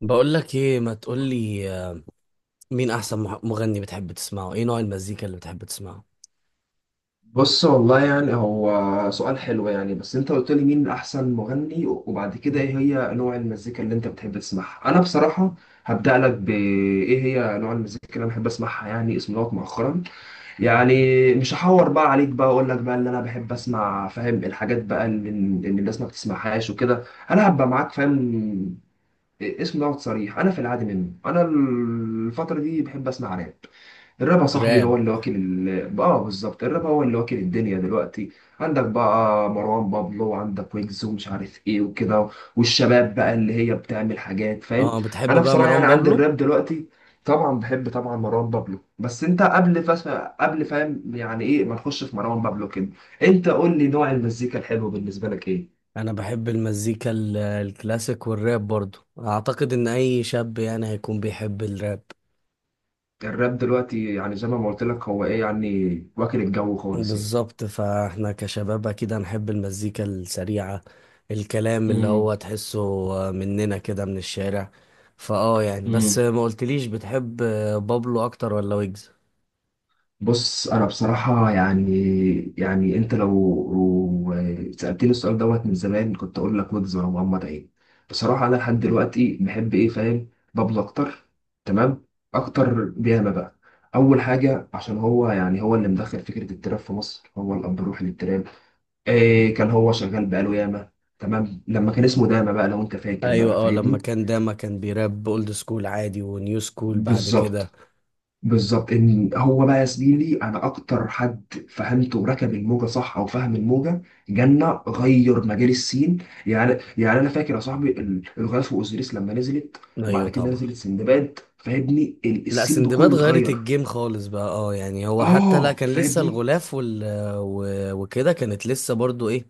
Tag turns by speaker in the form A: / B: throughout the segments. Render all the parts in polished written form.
A: بقول لك ايه، ما تقول لي مين احسن مغني بتحب تسمعه؟ ايه نوع المزيكا اللي بتحب تسمعه؟
B: بص، والله يعني هو سؤال حلو. بس انت قلت لي مين احسن مغني وبعد كده ايه هي نوع المزيكا اللي انت بتحب تسمعها. انا بصراحة هبدأ لك بايه هي نوع المزيكا اللي انا بحب اسمعها. يعني اسم دوت مؤخرا.
A: مم.
B: يعني مش هحور بقى عليك بقى، اقول لك بقى اللي انا بحب اسمع. فاهم؟ الحاجات بقى اللي الناس ما بتسمعهاش وكده. انا هبقى معاك فاهم. اسم دوت صريح، انا في العادي منه، انا الفتره دي بحب اسمع راب. الراب يا صاحبي هو
A: راب.
B: اللي واكل ال... اه بالظبط، الراب هو اللي واكل الدنيا دلوقتي. عندك بقى مروان بابلو وعندك ويجز ومش عارف ايه وكده. والشباب بقى اللي هي بتعمل حاجات، فاهم؟
A: اه، بتحب
B: انا
A: بقى
B: بصراحه
A: مروان
B: يعني عندي
A: بابلو؟
B: الراب دلوقتي، طبعا بحب، طبعا مروان بابلو. بس انت قبل قبل فاهم، يعني ايه ما نخش في مروان بابلو كده. انت قول لي نوع المزيكا الحلو بالنسبه لك ايه.
A: انا بحب المزيكا الكلاسيك والراب برضو. اعتقد ان اي شاب يعني هيكون بيحب الراب.
B: الراب دلوقتي يعني زي ما قلت لك هو ايه يعني؟ واكل الجو خالص يعني.
A: بالظبط، فاحنا كشباب اكيد هنحب المزيكا السريعة، الكلام اللي
B: امم
A: هو تحسه مننا كده من الشارع. فاه، يعني بس
B: امم
A: ما قلتليش بتحب بابلو اكتر ولا ويجز؟
B: بص، انا بصراحه يعني. انت لو، سالتني السؤال دوت من زمان كنت اقول لك ويجز ولا محمد عيد. بصراحه انا لحد دلوقتي بحب ايه فاهم، بابلو اكتر. تمام. اكتر بياما بقى. اول حاجه عشان هو، يعني هو اللي مدخل فكره التراب في مصر، هو الاب الروحي للتراب. إيه، كان هو شغال بقاله ياما. تمام، لما كان اسمه داما بقى لو انت فاكر
A: ايوه،
B: بقى
A: اه، لما
B: فاهمني.
A: كان داما كان بيراب اولد سكول عادي ونيو سكول بعد كده.
B: بالظبط. بالظبط ان هو بقى يا زميلي انا اكتر حد فهمته وركب الموجه صح او فهم الموجه. جنة غير مجال السين يعني. انا فاكر يا صاحبي الغاز واوزيريس لما نزلت، وبعد
A: ايوه
B: كده
A: طبعا.
B: نزلت سندباد. فاهمني
A: لا،
B: السين
A: سندباد
B: بكله
A: غيرت
B: اتغير.
A: الجيم خالص بقى. اه، يعني هو حتى لا
B: اه
A: كان لسه
B: فاهمني.
A: الغلاف وكده، كانت لسه برضو ايه،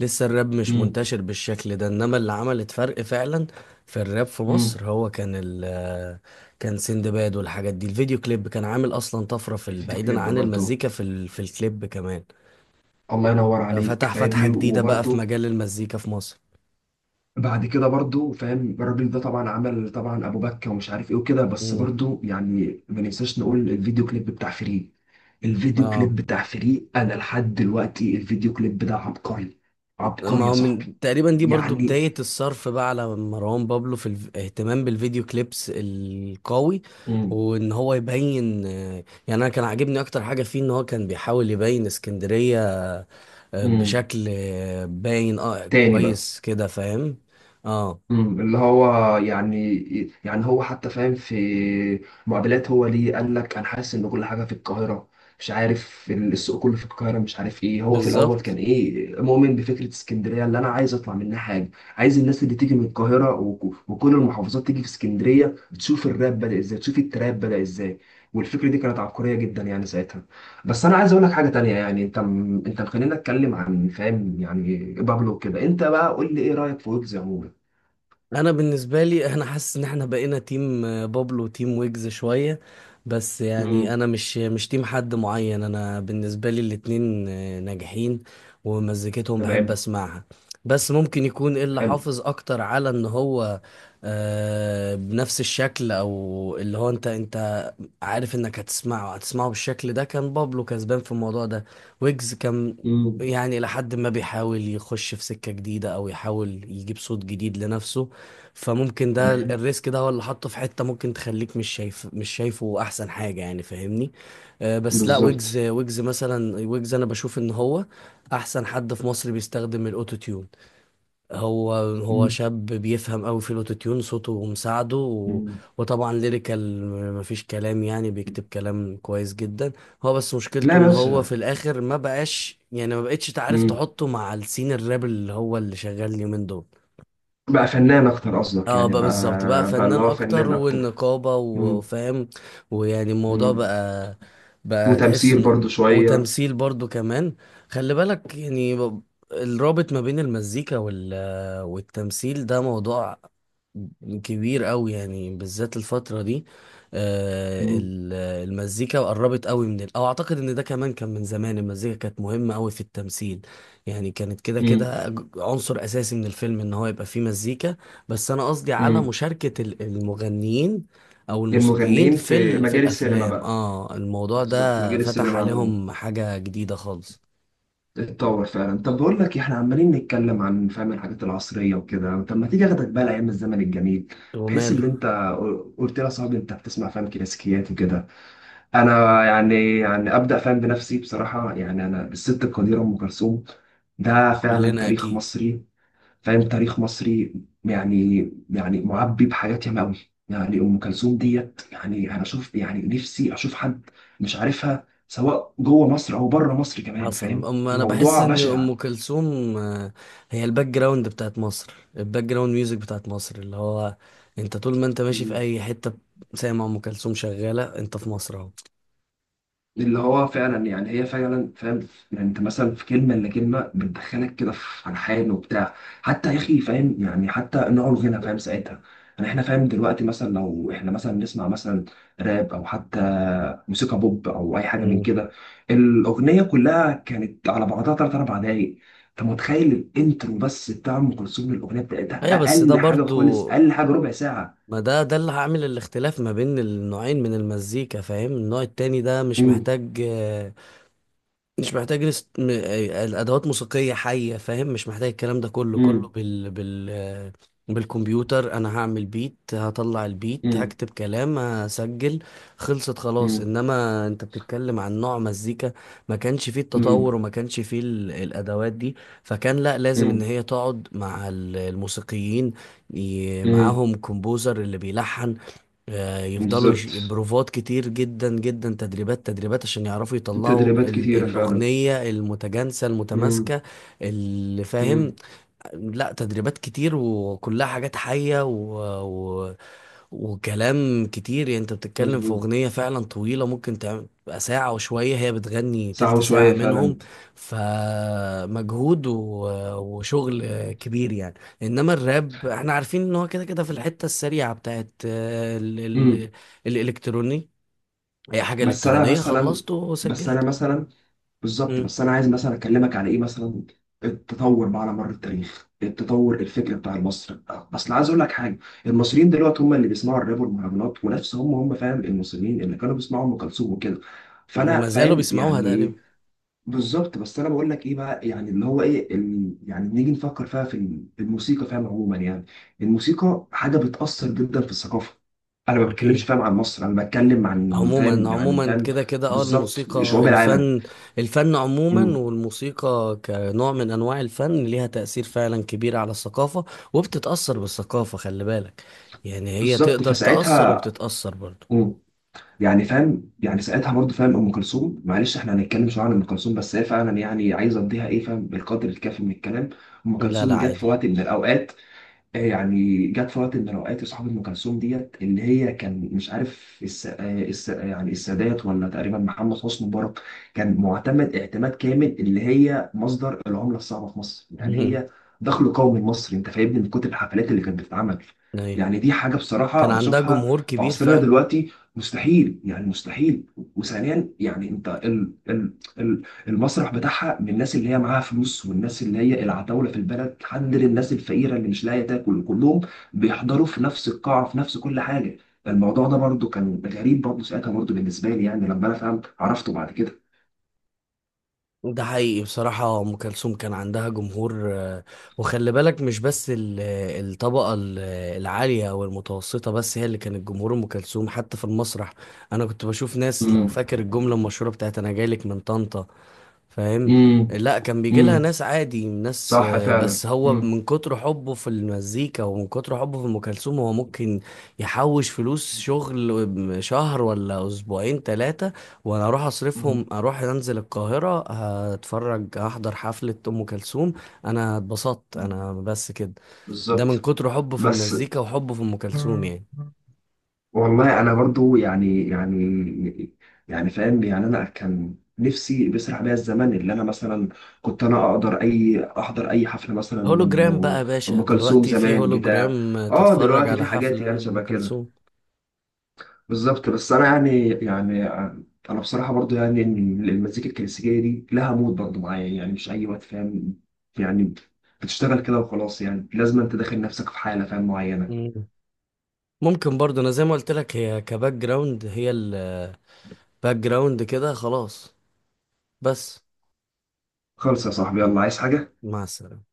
A: لسه الراب مش
B: امم.
A: منتشر بالشكل ده. انما اللي عملت فرق فعلا في الراب في
B: امم.
A: مصر هو كان سندباد، والحاجات دي الفيديو كليب كان عامل اصلا طفرة
B: الفيديو
A: بعيدا
B: كليب
A: عن
B: برضه.
A: المزيكا في الكليب كمان.
B: الله ينور عليك
A: فتح فتحة
B: فاهمني
A: جديدة بقى في
B: وبرضه.
A: مجال المزيكا في مصر.
B: بعد كده برضو فاهم الراجل ده طبعا عمل طبعا ابو بكه ومش عارف ايه وكده. بس
A: امم.
B: برضو يعني ما ننساش نقول الفيديو كليب بتاع فري. الفيديو
A: اه،
B: كليب بتاع فري انا لحد دلوقتي الفيديو كليب ده عبقري.
A: ما
B: عبقري يا
A: هو
B: صاحبي.
A: من تقريبا دي برضو
B: يعني.
A: بداية الصرف بقى على مروان بابلو في الاهتمام بالفيديو كليبس القوي،
B: امم.
A: وان هو يبين. يعني انا كان عاجبني اكتر حاجة فيه ان هو كان بيحاول يبين اسكندرية،
B: امم.
A: بشكل باين اه
B: تاني بقى.
A: كويس كده، فاهم. اه،
B: اللي هو يعني، هو حتى فاهم في معادلات. هو ليه قال لك انا حاسس ان كل حاجه في القاهره، مش عارف السوق كله في القاهره، مش عارف ايه. هو في الاول كان
A: بالظبط.
B: ايه مؤمن بفكره اسكندريه اللي انا عايز اطلع منها حاجه. عايز الناس اللي تيجي من القاهره وكل المحافظات تيجي في اسكندريه تشوف الراب بدا ازاي، تشوف التراب بدا ازاي. والفكره دي كانت عبقريه جدا يعني ساعتها. بس انا عايز اقول لك حاجه تانية. يعني انت، خلينا نتكلم عن فاهم يعني بابلو كده. انت بقى قول لي ايه رايك في ويجز عموما؟
A: انا بالنسبه لي انا حاسس ان احنا بقينا تيم بابلو وتيم ويجز شويه. بس
B: مم.
A: يعني انا مش تيم حد معين. انا بالنسبه لي الاتنين ناجحين، ومزيكتهم بحب
B: تمام.
A: اسمعها. بس ممكن يكون إيه اللي
B: حلو.
A: حافظ اكتر على ان هو بنفس الشكل، او اللي هو انت عارف انك هتسمعه بالشكل ده. كان بابلو كسبان في الموضوع ده. ويجز كان
B: مم.
A: يعني لحد ما بيحاول يخش في سكة جديدة، او يحاول يجيب صوت جديد لنفسه. فممكن ده
B: تمام.
A: الريسك ده هو اللي حطه في حتة ممكن تخليك مش شايفه احسن حاجة يعني، فاهمني؟ بس لا، ويجز
B: بالظبط.
A: ويجز مثلا، ويجز انا بشوف ان هو احسن حد في مصر بيستخدم الاوتو تيون. هو هو
B: مم.
A: شاب بيفهم قوي في الاوتوتيون، صوته مساعده
B: مم.
A: وطبعا ليريكال مفيش كلام، يعني بيكتب كلام كويس جدا. هو بس مشكلته
B: لا
A: ان
B: بس.
A: هو في الاخر ما بقاش، يعني ما بقتش تعرف
B: مم.
A: تحطه مع السين الراب اللي هو اللي شغال اليومين دول.
B: بقى فنان اكتر قصدك
A: اه،
B: يعني
A: بقى
B: بقى.
A: بالظبط، بقى
B: بقى اللي
A: فنان
B: هو
A: اكتر
B: فنان اكتر.
A: والنقابة
B: مم.
A: وفاهم. ويعني الموضوع
B: مم.
A: بقى، بقى تحس
B: وتمثيل
A: انه
B: برضو شوية.
A: وتمثيل برضو كمان. خلي بالك يعني الرابط ما بين المزيكا والتمثيل ده موضوع كبير قوي يعني، بالذات الفترة دي. آه،
B: مم.
A: ال- المزيكا قربت قوي او اعتقد ان ده كمان كان من زمان المزيكا كانت مهمة قوي في التمثيل. يعني كانت كده
B: مم.
A: كده عنصر اساسي من الفيلم ان هو يبقى فيه مزيكا. بس انا قصدي على
B: مم.
A: مشاركة المغنيين او الموسيقيين
B: المغنيين في
A: في
B: مجال السينما
A: الافلام.
B: بقى.
A: اه، الموضوع
B: بالظبط،
A: ده
B: مجال
A: فتح
B: السينما عموما
A: عليهم حاجة جديدة خالص.
B: اتطور فعلا. طب بقول لك إيه، احنا عمالين نتكلم عن فاهم الحاجات العصرية وكده. طب ما تيجي اخدك بقى لايام الزمن الجميل، بحيث ان
A: وماله.
B: انت قلت لي يا صاحبي انت بتسمع فاهم كلاسيكيات وكده. انا يعني ابدا فاهم بنفسي بصراحه. يعني انا الست القديره ام كلثوم ده فعلا
A: كلنا
B: تاريخ
A: اكيد.
B: مصري. فاهم تاريخ مصري. يعني. معبي بحاجات ياما قوي. يعني ام كلثوم ديت يعني انا اشوف يعني نفسي اشوف حد مش عارفها سواء جوه مصر او بره مصر كمان.
A: حصل.
B: فاهم
A: أم، انا بحس
B: الموضوع
A: ان
B: بشع.
A: ام كلثوم هي الباك جراوند بتاعت مصر، الباك جراوند ميوزك بتاعت مصر. اللي هو انت طول ما انت ماشي في اي حتة سامع ام كلثوم شغالة، انت في مصر اهو.
B: اللي هو فعلا يعني هي فعلا فاهم. يعني انت مثلا في كلمه الا كلمه بتدخلك كده في الحان وبتاع. حتى يا اخي فاهم، يعني حتى نوع الغنى فاهم ساعتها. يعني احنا فاهم دلوقتي، مثلا لو احنا مثلا نسمع مثلا راب، او حتى موسيقى بوب، او اي حاجه من
A: مم.
B: كده. الاغنيه كلها كانت على بعضها ثلاث اربع دقايق. انت متخيل الانترو بس بتاع ام كلثوم؟ الاغنيه بتاعتها
A: ايوه، بس ده
B: اقل حاجه
A: برضو،
B: خالص، اقل حاجه ربع ساعه.
A: ما ده ده اللي هعمل الاختلاف ما بين النوعين من المزيكا. فاهم، النوع التاني ده مش
B: امم
A: محتاج، مش محتاج الادوات موسيقية حية، فاهم؟ مش محتاج الكلام ده كله.
B: امم
A: بالكمبيوتر انا هعمل بيت، هطلع البيت،
B: امم
A: هكتب كلام، هسجل، خلصت، خلاص. انما انت بتتكلم عن نوع مزيكا ما كانش فيه التطور،
B: امم
A: وما كانش فيه الادوات دي. فكان لا، لازم ان هي تقعد مع الموسيقيين،
B: امم.
A: معاهم كومبوزر اللي بيلحن، يفضلوا
B: بالظبط،
A: بروفات كتير جدا جدا، تدريبات تدريبات عشان يعرفوا يطلعوا
B: التدريبات كتيرة فعلا.
A: الأغنية المتجانسة
B: امم.
A: المتماسكة اللي فاهم.
B: امم.
A: لا، تدريبات كتير، وكلها حاجات حية و... وكلام كتير. يعني انت بتتكلم في
B: مظبوط،
A: اغنية فعلا طويلة ممكن تعمل تبقى ساعة وشوية، هي بتغني
B: ساعة
A: تلت ساعة
B: وشوية
A: منهم.
B: فعلا.
A: فمجهود وشغل كبير يعني. انما الراب احنا عارفين ان هو كده كده في الحتة السريعة بتاعت
B: امم.
A: الالكتروني. هي حاجة
B: بس أنا
A: الكترونية
B: مثلا
A: خلصت
B: بس أنا
A: وسجلت.
B: مثلا بالظبط،
A: مم.
B: بس أنا عايز مثلا أكلمك على إيه مثلا. التطور بقى على مر التاريخ، التطور الفكري بتاع المصري. أصل عايز أقول لك حاجة، المصريين دلوقتي هم اللي بيسمعوا الراب والمهرجانات ونفس هم فاهم المصريين اللي كانوا بيسمعوا أم كلثوم وكده. فأنا
A: وما زالوا
B: فاهم
A: بيسمعوها
B: يعني
A: تقريبا.
B: إيه؟ بالظبط. بس انا بقول لك ايه بقى؟ يعني اللي هو ايه ال... يعني نيجي نفكر فيها في في الموسيقى فاهم عموما. يعني الموسيقى حاجه بتاثر جدا في الثقافه. انا ما بتكلمش
A: اكيد.
B: فاهم عن مصر، انا بتكلم عن
A: عموما
B: فاهم يعني
A: عموما
B: فاهم.
A: كده كده اه
B: بالظبط
A: الموسيقى
B: شعوب العالم.
A: الفن. الفن عموما
B: مم.
A: والموسيقى كنوع من انواع الفن ليها تأثير فعلا كبير على الثقافة، وبتتأثر بالثقافة. خلي بالك يعني، هي
B: بالظبط
A: تقدر تأثر
B: فساعتها.
A: وبتتأثر برضه.
B: مم. يعني فاهم، يعني ساعتها برضه فاهم ام كلثوم. معلش احنا هنتكلم شويه عن ام كلثوم. بس هي فعلا يعني عايزه اديها ايه فاهم القدر الكافي من الكلام. ام
A: لا لا،
B: كلثوم جت في
A: عادي.
B: وقت من الاوقات. يعني جت في وقت من الاوقات. صاحب ام كلثوم ديت اللي هي كان مش عارف الس... آه، الس... آه، يعني السادات ولا تقريبا محمد حسني مبارك. كان معتمد اعتماد كامل اللي هي مصدر العمله الصعبه في مصر. يعني هي دخل قومي لمصر، انت فاهمني، من كتر الحفلات اللي كانت بتتعمل.
A: ايوه،
B: يعني دي حاجه بصراحه
A: كان عندها
B: بشوفها
A: جمهور
B: في
A: كبير
B: عصرنا
A: فعلا.
B: دلوقتي مستحيل، يعني مستحيل. وثانيا يعني انت ال... المسرح بتاعها، من الناس اللي هي معاها فلوس والناس اللي هي العتاولة في البلد حد للناس الفقيرة اللي مش لاقية تاكل، كلهم بيحضروا في نفس القاعة، في نفس كل حاجة. الموضوع ده برضه كان غريب برضه ساعتها برضه بالنسبة لي. يعني لما أنا فهمت عرفته بعد كده.
A: ده حقيقي، بصراحة أم كلثوم كان عندها جمهور، وخلي بالك مش بس الطبقة العالية والمتوسطة بس هي اللي كانت جمهور أم كلثوم. حتى في المسرح أنا كنت بشوف ناس، لو
B: امم.
A: فاكر الجملة المشهورة بتاعت أنا جايلك من طنطا، فاهم.
B: امم.
A: لا، كان بيجي لها
B: امم
A: ناس عادي، ناس
B: صح فعلا.
A: بس هو
B: امم.
A: من كتر حبه في المزيكا ومن كتر حبه في ام كلثوم هو ممكن يحوش فلوس شغل شهر ولا اسبوعين ثلاثه، وانا اروح اصرفهم،
B: امم.
A: اروح انزل القاهره هتفرج، احضر حفله ام كلثوم، انا اتبسطت انا، بس كده. ده من
B: بالظبط.
A: كتر حبه في
B: بس.
A: المزيكا وحبه في ام كلثوم يعني.
B: والله انا برضو فاهم. يعني انا كان نفسي بيسرح بيا الزمن اللي انا مثلا كنت انا اقدر اي احضر اي حفله مثلا
A: هولوجرام بقى يا
B: لام
A: باشا
B: ام كلثوم
A: دلوقتي، في
B: زمان بتاع.
A: هولوجرام
B: اه
A: تتفرج
B: دلوقتي في
A: على
B: حاجات
A: حفله
B: يعني
A: لام
B: شبه كده.
A: كلثوم.
B: بالظبط. بس انا انا بصراحه برضو يعني ان المزيكا الكلاسيكيه دي لها مود برضو معايا، يعني مش اي وقت فاهم. يعني بتشتغل كده وخلاص، يعني لازم انت داخل نفسك في حاله فاهم معينه.
A: ممكن برضه، انا زي ما قلت لك هي كباك جراوند، هي الباك جراوند كده خلاص بس.
B: خلص يا صاحبي، يلا عايز حاجه؟
A: مع السلامة.